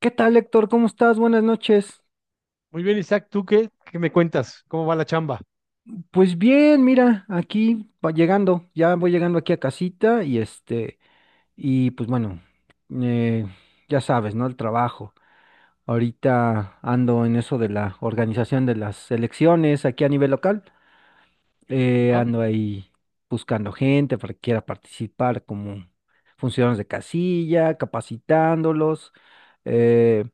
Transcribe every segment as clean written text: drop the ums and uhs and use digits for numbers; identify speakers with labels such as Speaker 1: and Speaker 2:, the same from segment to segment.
Speaker 1: ¿Qué tal, Héctor? ¿Cómo estás? Buenas noches.
Speaker 2: Muy bien, Isaac, ¿tú qué me cuentas? ¿Cómo va la chamba?
Speaker 1: Pues bien, mira, aquí va llegando, ya voy llegando aquí a casita y pues bueno, eh, ya sabes, ¿no? El trabajo. Ahorita ando en eso de la organización de las elecciones aquí a nivel local.
Speaker 2: ¿Ah?
Speaker 1: Ando ahí buscando gente para que quiera participar como funcionarios de casilla, capacitándolos. eh,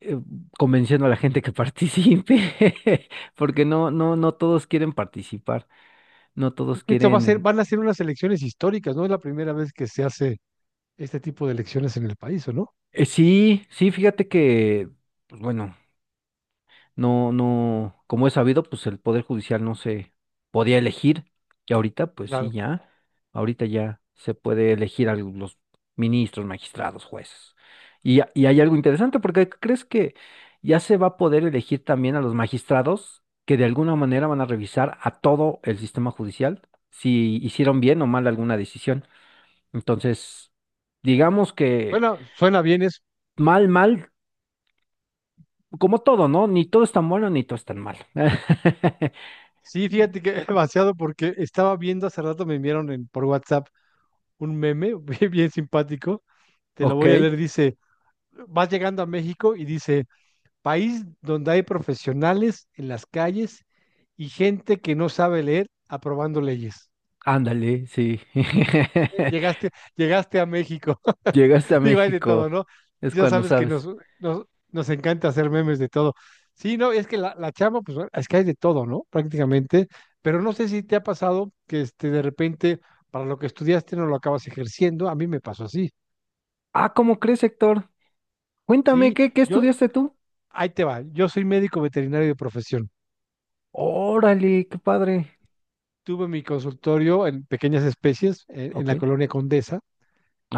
Speaker 1: eh, Convenciendo a la gente que participe, porque no todos quieren participar, no todos
Speaker 2: Esto va a ser,
Speaker 1: quieren.
Speaker 2: van a ser unas elecciones históricas, ¿no? Es la primera vez que se hace este tipo de elecciones en el país, ¿o no?
Speaker 1: Sí, sí, fíjate que, pues bueno, no, no, como es sabido, pues el Poder Judicial no se podía elegir. Y ahorita, pues sí,
Speaker 2: Claro.
Speaker 1: ya. Ahorita ya se puede elegir a los ministros, magistrados, jueces. Y, y hay algo interesante, porque crees que ya se va a poder elegir también a los magistrados que de alguna manera van a revisar a todo el sistema judicial si hicieron bien o mal alguna decisión. Entonces, digamos que
Speaker 2: Bueno, suena bien eso.
Speaker 1: mal, mal, como todo, ¿no? Ni todo es tan bueno, ni todo es tan mal.
Speaker 2: Sí, fíjate que demasiado porque estaba viendo hace rato, me enviaron por WhatsApp un meme bien bien simpático. Te lo
Speaker 1: Ok,
Speaker 2: voy a leer, dice, vas llegando a México y dice, país donde hay profesionales en las calles y gente que no sabe leer aprobando leyes.
Speaker 1: ándale, sí.
Speaker 2: Llegaste, llegaste a México.
Speaker 1: Llegaste a
Speaker 2: Digo, hay de
Speaker 1: México,
Speaker 2: todo, ¿no?
Speaker 1: es
Speaker 2: Ya
Speaker 1: cuando
Speaker 2: sabes que
Speaker 1: sabes.
Speaker 2: nos, nos encanta hacer memes de todo. Sí, no, es que la chamba, pues bueno, es que hay de todo, ¿no? Prácticamente. Pero no sé si te ha pasado que de repente, para lo que estudiaste no lo acabas ejerciendo. A mí me pasó así.
Speaker 1: Ah, ¿cómo crees, Héctor? Cuéntame,
Speaker 2: Sí,
Speaker 1: ¿qué
Speaker 2: yo,
Speaker 1: estudiaste tú?
Speaker 2: ahí te va. Yo soy médico veterinario de profesión.
Speaker 1: Órale, qué padre.
Speaker 2: Tuve mi consultorio en pequeñas especies en
Speaker 1: Ok.
Speaker 2: la colonia Condesa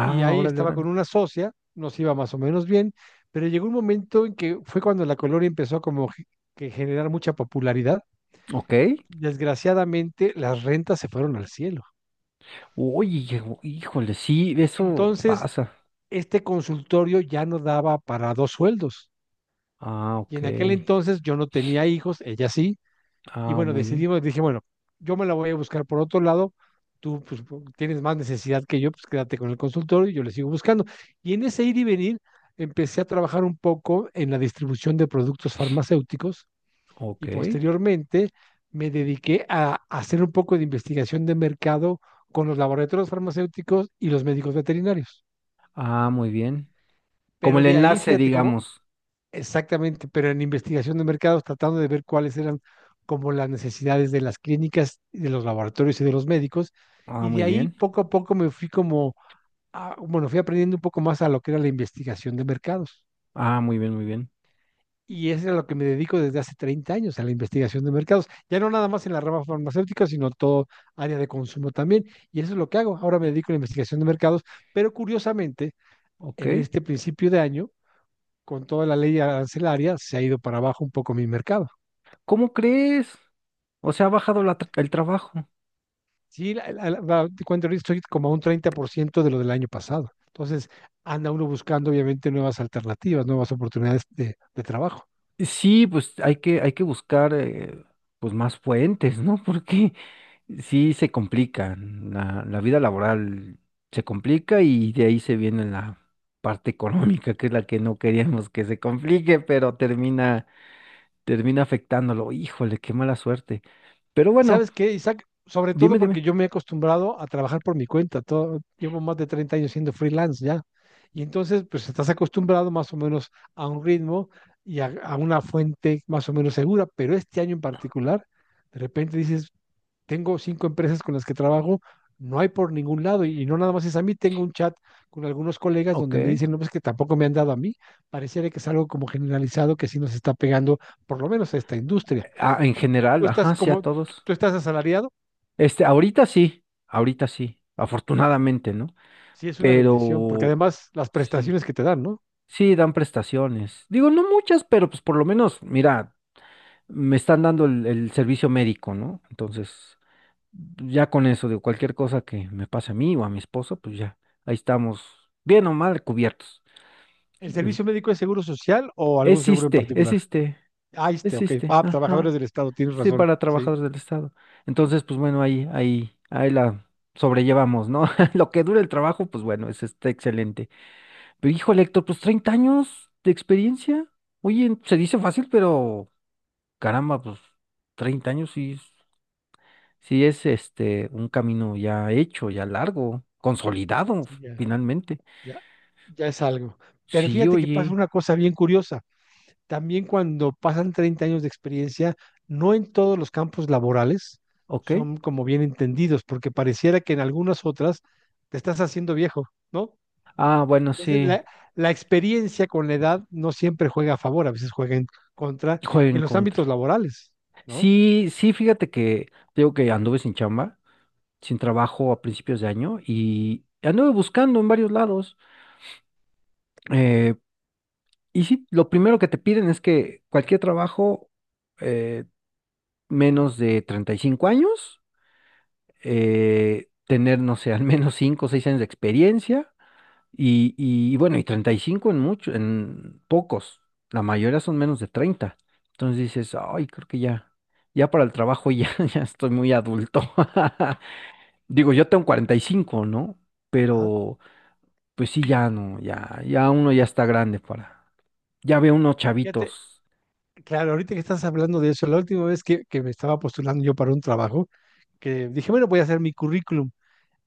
Speaker 2: y ahí
Speaker 1: órale,
Speaker 2: estaba
Speaker 1: órale.
Speaker 2: con una socia, nos iba más o menos bien, pero llegó un momento en que fue cuando la colonia empezó como que generar mucha popularidad.
Speaker 1: Ok.
Speaker 2: Desgraciadamente, las rentas se fueron al cielo.
Speaker 1: Oye, híjole, sí, eso
Speaker 2: Entonces,
Speaker 1: pasa.
Speaker 2: este consultorio ya no daba para dos sueldos.
Speaker 1: Ah,
Speaker 2: Y
Speaker 1: ok.
Speaker 2: en aquel entonces yo no tenía hijos, ella sí. Y
Speaker 1: Ah,
Speaker 2: bueno,
Speaker 1: muy bien.
Speaker 2: decidimos, dije, bueno, yo me la voy a buscar por otro lado, tú pues, tienes más necesidad que yo, pues quédate con el consultorio y yo le sigo buscando. Y en ese ir y venir empecé a trabajar un poco en la distribución de productos farmacéuticos
Speaker 1: Ok.
Speaker 2: y posteriormente me dediqué a hacer un poco de investigación de mercado con los laboratorios farmacéuticos y los médicos veterinarios.
Speaker 1: Ah, muy bien. Como
Speaker 2: Pero
Speaker 1: el
Speaker 2: de ahí,
Speaker 1: enlace,
Speaker 2: fíjate cómo.
Speaker 1: digamos.
Speaker 2: Exactamente, pero en investigación de mercados, tratando de ver cuáles eran como las necesidades de las clínicas, de los laboratorios y de los médicos.
Speaker 1: Ah,
Speaker 2: Y de
Speaker 1: muy
Speaker 2: ahí
Speaker 1: bien.
Speaker 2: poco a poco me fui como, bueno, fui aprendiendo un poco más a lo que era la investigación de mercados.
Speaker 1: Ah, muy bien, muy bien.
Speaker 2: Y eso es a lo que me dedico desde hace 30 años, a la investigación de mercados. Ya no nada más en la rama farmacéutica, sino todo área de consumo también. Y eso es lo que hago. Ahora me dedico a la investigación de mercados, pero curiosamente,
Speaker 1: Ok.
Speaker 2: en este principio de año, con toda la ley arancelaria, se ha ido para abajo un poco mi mercado.
Speaker 1: ¿Cómo crees? O sea, ha bajado el trabajo.
Speaker 2: Sí, cuando estoy como a un 30% de lo del año pasado. Entonces, anda uno buscando obviamente nuevas alternativas, nuevas oportunidades de trabajo.
Speaker 1: Sí, pues hay que buscar pues más fuentes, ¿no? Porque sí se complica, la vida laboral se complica y de ahí se viene la parte económica, que es la que no queríamos que se complique, pero termina afectándolo. Híjole, qué mala suerte. Pero
Speaker 2: ¿Y
Speaker 1: bueno,
Speaker 2: sabes qué, Isaac? Sobre todo
Speaker 1: dime,
Speaker 2: porque
Speaker 1: dime.
Speaker 2: yo me he acostumbrado a trabajar por mi cuenta. Todo, llevo más de 30 años siendo freelance ya. Y entonces, pues estás acostumbrado más o menos a un ritmo y a una fuente más o menos segura. Pero este año en particular, de repente dices, tengo cinco empresas con las que trabajo, no hay por ningún lado y no nada más es a mí, tengo un chat con algunos colegas donde me
Speaker 1: Ok.
Speaker 2: dicen, no, pues que tampoco me han dado a mí, pareciera que es algo como generalizado que sí nos está pegando, por lo menos a esta industria.
Speaker 1: Ah, en
Speaker 2: Tú,
Speaker 1: general,
Speaker 2: tú estás
Speaker 1: ajá, sí a
Speaker 2: como,
Speaker 1: todos.
Speaker 2: tú estás asalariado,
Speaker 1: Este, ahorita sí, afortunadamente, ¿no?
Speaker 2: sí es una bendición, porque
Speaker 1: Pero
Speaker 2: además las
Speaker 1: sí.
Speaker 2: prestaciones que te dan, ¿no?
Speaker 1: Sí, dan prestaciones. Digo, no muchas, pero pues por lo menos, mira, me están dando el servicio médico, ¿no? Entonces, ya con eso, digo, cualquier cosa que me pase a mí o a mi esposo, pues ya, ahí estamos, bien o mal cubiertos.
Speaker 2: ¿El
Speaker 1: El-
Speaker 2: servicio médico es seguro social o algún seguro en
Speaker 1: existe,
Speaker 2: particular?
Speaker 1: existe,
Speaker 2: Ah, ok.
Speaker 1: Existe,
Speaker 2: Ah,
Speaker 1: ajá.
Speaker 2: trabajadores del Estado, tienes
Speaker 1: Sí,
Speaker 2: razón.
Speaker 1: para
Speaker 2: Sí,
Speaker 1: trabajadores del Estado. Entonces, pues bueno, ahí la sobrellevamos, ¿no? Lo que dura el trabajo, pues bueno, eso está excelente. Pero híjole, Héctor, pues 30 años de experiencia. Oye, se dice fácil, pero caramba, pues 30 años sí, sí es este un camino ya hecho, ya largo, consolidado
Speaker 2: sí, ya,
Speaker 1: finalmente.
Speaker 2: ya, ya es algo. Pero
Speaker 1: Sí,
Speaker 2: fíjate que pasa
Speaker 1: oye,
Speaker 2: una cosa bien curiosa. También cuando pasan 30 años de experiencia, no en todos los campos laborales
Speaker 1: ok.
Speaker 2: son como bien entendidos, porque pareciera que en algunas otras te estás haciendo viejo, ¿no?
Speaker 1: Ah, bueno,
Speaker 2: Entonces,
Speaker 1: sí,
Speaker 2: la experiencia con la edad no siempre juega a favor, a veces juega en contra
Speaker 1: juego
Speaker 2: en
Speaker 1: en
Speaker 2: los
Speaker 1: contra.
Speaker 2: ámbitos laborales, ¿no?
Speaker 1: Sí, sí, fíjate que digo que anduve sin chamba, sin trabajo a principios de año y anduve buscando en varios lados. Eh, y sí, lo primero que te piden es que cualquier trabajo eh, menos de 35 años, tener, no sé, al menos 5 o 6 años de experiencia y bueno, y 35 en muchos, en pocos, la mayoría son menos de 30. Entonces dices, ay, creo que ya, ya para el trabajo ya, ya estoy muy adulto. Digo, yo tengo 45, ¿no?
Speaker 2: Ajá.
Speaker 1: Pero pues sí, ya no, ya, ya uno ya está grande para, ya ve unos
Speaker 2: Fíjate,
Speaker 1: chavitos,
Speaker 2: claro, ahorita que estás hablando de eso, la última vez que me estaba postulando yo para un trabajo, que dije, bueno, voy a hacer mi currículum.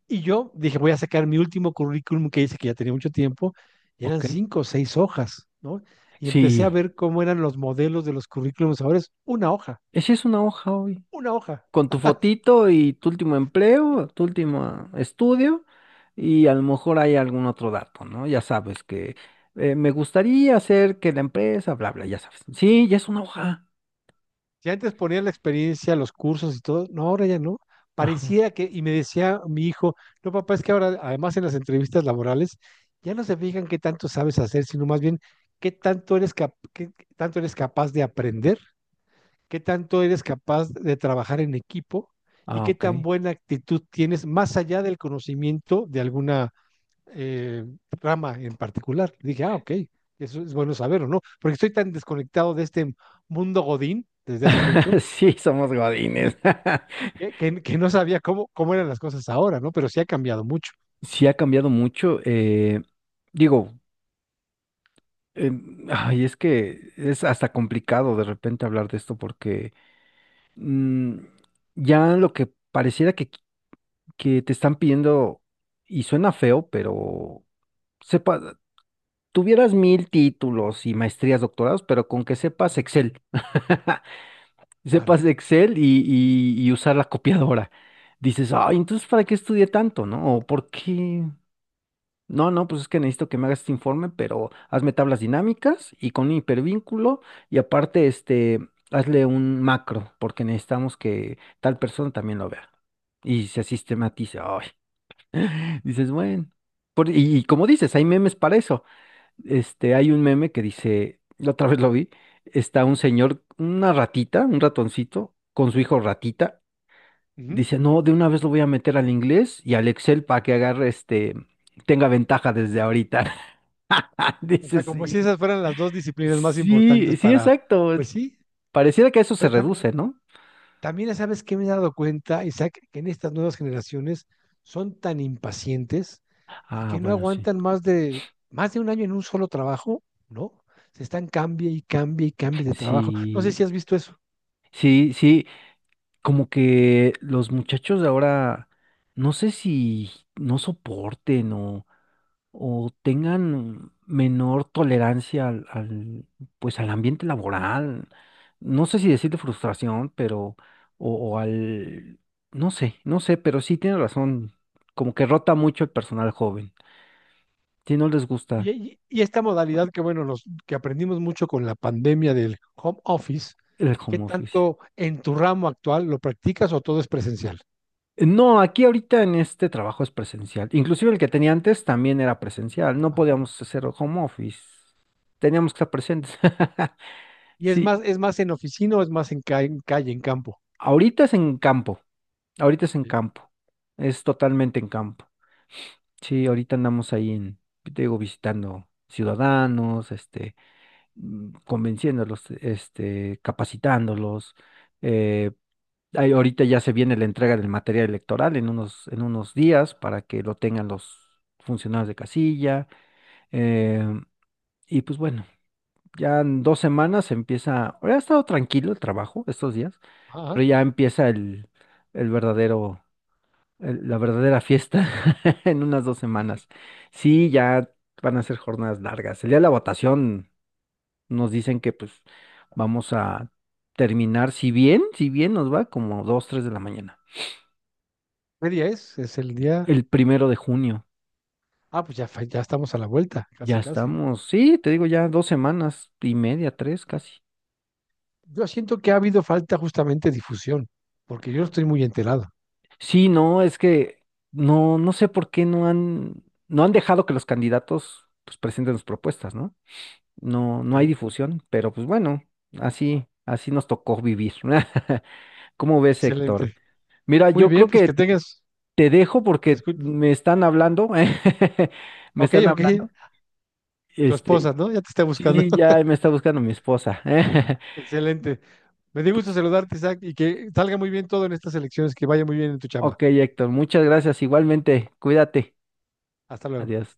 Speaker 2: Y yo dije, voy a sacar mi último currículum que hice, que ya tenía mucho tiempo, y eran
Speaker 1: ¿ok?
Speaker 2: cinco o seis hojas, ¿no? Y empecé a
Speaker 1: Sí,
Speaker 2: ver cómo eran los modelos de los currículums. Ahora es una hoja,
Speaker 1: esa es una hoja hoy.
Speaker 2: una hoja.
Speaker 1: Con tu fotito y tu último empleo, tu último estudio, y a lo mejor hay algún otro dato, ¿no? Ya sabes que me gustaría hacer que la empresa, bla, bla, ya sabes. Sí, ya es una hoja.
Speaker 2: Si antes ponía la experiencia, los cursos y todo, no, ahora ya no.
Speaker 1: Ajá.
Speaker 2: Parecía que, y me decía mi hijo, no, papá, es que ahora, además en las entrevistas laborales, ya no se fijan qué tanto sabes hacer, sino más bien qué tanto eres, qué tanto eres capaz de aprender, qué tanto eres capaz de trabajar en equipo y
Speaker 1: Ah,
Speaker 2: qué
Speaker 1: ok.
Speaker 2: tan buena actitud tienes más allá del conocimiento de alguna eh, rama en particular. Dije, ah, ok, eso es bueno saber o no, porque estoy tan desconectado de este mundo Godín desde hace mucho,
Speaker 1: Sí, somos
Speaker 2: ¿sí?
Speaker 1: godines.
Speaker 2: que no sabía cómo eran las cosas ahora, ¿no? Pero sí ha cambiado mucho.
Speaker 1: Sí ha cambiado mucho. Digo, ay, es que es hasta complicado de repente hablar de esto porque mm, ya lo que pareciera que te están pidiendo, y suena feo, pero sepa, tuvieras mil títulos y maestrías, doctorados, pero con que sepas Excel,
Speaker 2: Claro.
Speaker 1: sepas Excel y usar la copiadora. Dices, ay, entonces, ¿para qué estudié tanto, no? ¿O por qué? No, no, pues es que necesito que me hagas este informe, pero hazme tablas dinámicas y con un hipervínculo y aparte, este, hazle un macro, porque necesitamos que tal persona también lo vea y se sistematice. Ay, dices, bueno. Y, y como dices, hay memes para eso. Este, hay un meme que dice, la otra vez lo vi, está un señor, una ratita, un ratoncito, con su hijo ratita.
Speaker 2: Ujú.
Speaker 1: Dice, no, de una vez lo voy a meter al inglés y al Excel para que agarre este, tenga ventaja desde ahorita.
Speaker 2: O
Speaker 1: Dice,
Speaker 2: sea, como si
Speaker 1: sí.
Speaker 2: esas fueran las dos disciplinas más
Speaker 1: Sí,
Speaker 2: importantes
Speaker 1: sí,
Speaker 2: para,
Speaker 1: exacto.
Speaker 2: pues sí,
Speaker 1: Pareciera que a eso se
Speaker 2: pero también.
Speaker 1: reduce, ¿no?
Speaker 2: También sabes que me he dado cuenta, Isaac, que en estas nuevas generaciones son tan impacientes y
Speaker 1: Ah,
Speaker 2: que no
Speaker 1: bueno, sí.
Speaker 2: aguantan más de un año en un solo trabajo, ¿no? Se están cambie y cambie y cambie de trabajo. No sé
Speaker 1: Sí,
Speaker 2: si has visto eso.
Speaker 1: sí, sí. Como que los muchachos de ahora, no sé si no soporten o tengan menor tolerancia al, pues al ambiente laboral. No sé si decirle frustración, pero, o al, no sé, no sé, pero sí tiene razón. Como que rota mucho el personal joven. Si no les gusta
Speaker 2: Oye, y esta modalidad que bueno, los que aprendimos mucho con la pandemia del home office,
Speaker 1: el
Speaker 2: ¿qué
Speaker 1: home office.
Speaker 2: tanto en tu ramo actual lo practicas o todo es presencial?
Speaker 1: No, aquí ahorita en este trabajo es presencial. Inclusive el que tenía antes también era presencial. No
Speaker 2: Ajá.
Speaker 1: podíamos hacer home office. Teníamos que estar presentes.
Speaker 2: Y
Speaker 1: Sí,
Speaker 2: es más en oficina o es más en, en calle, en campo.
Speaker 1: ahorita es en campo. Ahorita es en
Speaker 2: Sí.
Speaker 1: campo. Es totalmente en campo. Sí, ahorita andamos ahí en, te digo, visitando ciudadanos, este, convenciéndolos, este, capacitándolos, eh, ahí ahorita ya se viene la entrega del material electoral en unos días para que lo tengan los funcionarios de casilla. eh, y pues bueno, ya en 2 semanas empieza, ha estado tranquilo el trabajo estos días, pero
Speaker 2: Ajá.
Speaker 1: ya empieza el verdadero, la verdadera fiesta en unas 2 semanas. Sí, ya van a ser jornadas largas. El día de la votación nos dicen que pues vamos a terminar, si bien nos va como dos, tres de la mañana.
Speaker 2: ¿Qué día es? Es el día.
Speaker 1: El 1 de junio.
Speaker 2: Ah, pues ya, ya estamos a la vuelta,
Speaker 1: Ya
Speaker 2: casi, casi.
Speaker 1: estamos. Sí, te digo ya 2 semanas y media, tres casi.
Speaker 2: Yo siento que ha habido falta justamente de difusión, porque yo no estoy muy enterado.
Speaker 1: Sí, no, es que no, no sé por qué no han, no han dejado que los candidatos pues, presenten sus propuestas, ¿no? No,
Speaker 2: Ok,
Speaker 1: no hay difusión, pero pues bueno, así, así nos tocó vivir. ¿Cómo ves, Héctor?
Speaker 2: excelente.
Speaker 1: Mira,
Speaker 2: Muy
Speaker 1: yo
Speaker 2: bien,
Speaker 1: creo
Speaker 2: pues que
Speaker 1: que
Speaker 2: tengas.
Speaker 1: te dejo
Speaker 2: Te
Speaker 1: porque
Speaker 2: escu-
Speaker 1: me están hablando, me
Speaker 2: Ok,
Speaker 1: están
Speaker 2: ok.
Speaker 1: hablando.
Speaker 2: Tu
Speaker 1: Este,
Speaker 2: esposa, ¿no? Ya te está buscando.
Speaker 1: sí, ya me está buscando mi esposa.
Speaker 2: Excelente. Me dio gusto
Speaker 1: Pues
Speaker 2: saludarte, Isaac, y que salga muy bien todo en estas elecciones, que vaya muy bien en tu chamba.
Speaker 1: ok, Héctor, muchas gracias. Igualmente, cuídate.
Speaker 2: Hasta luego.
Speaker 1: Adiós.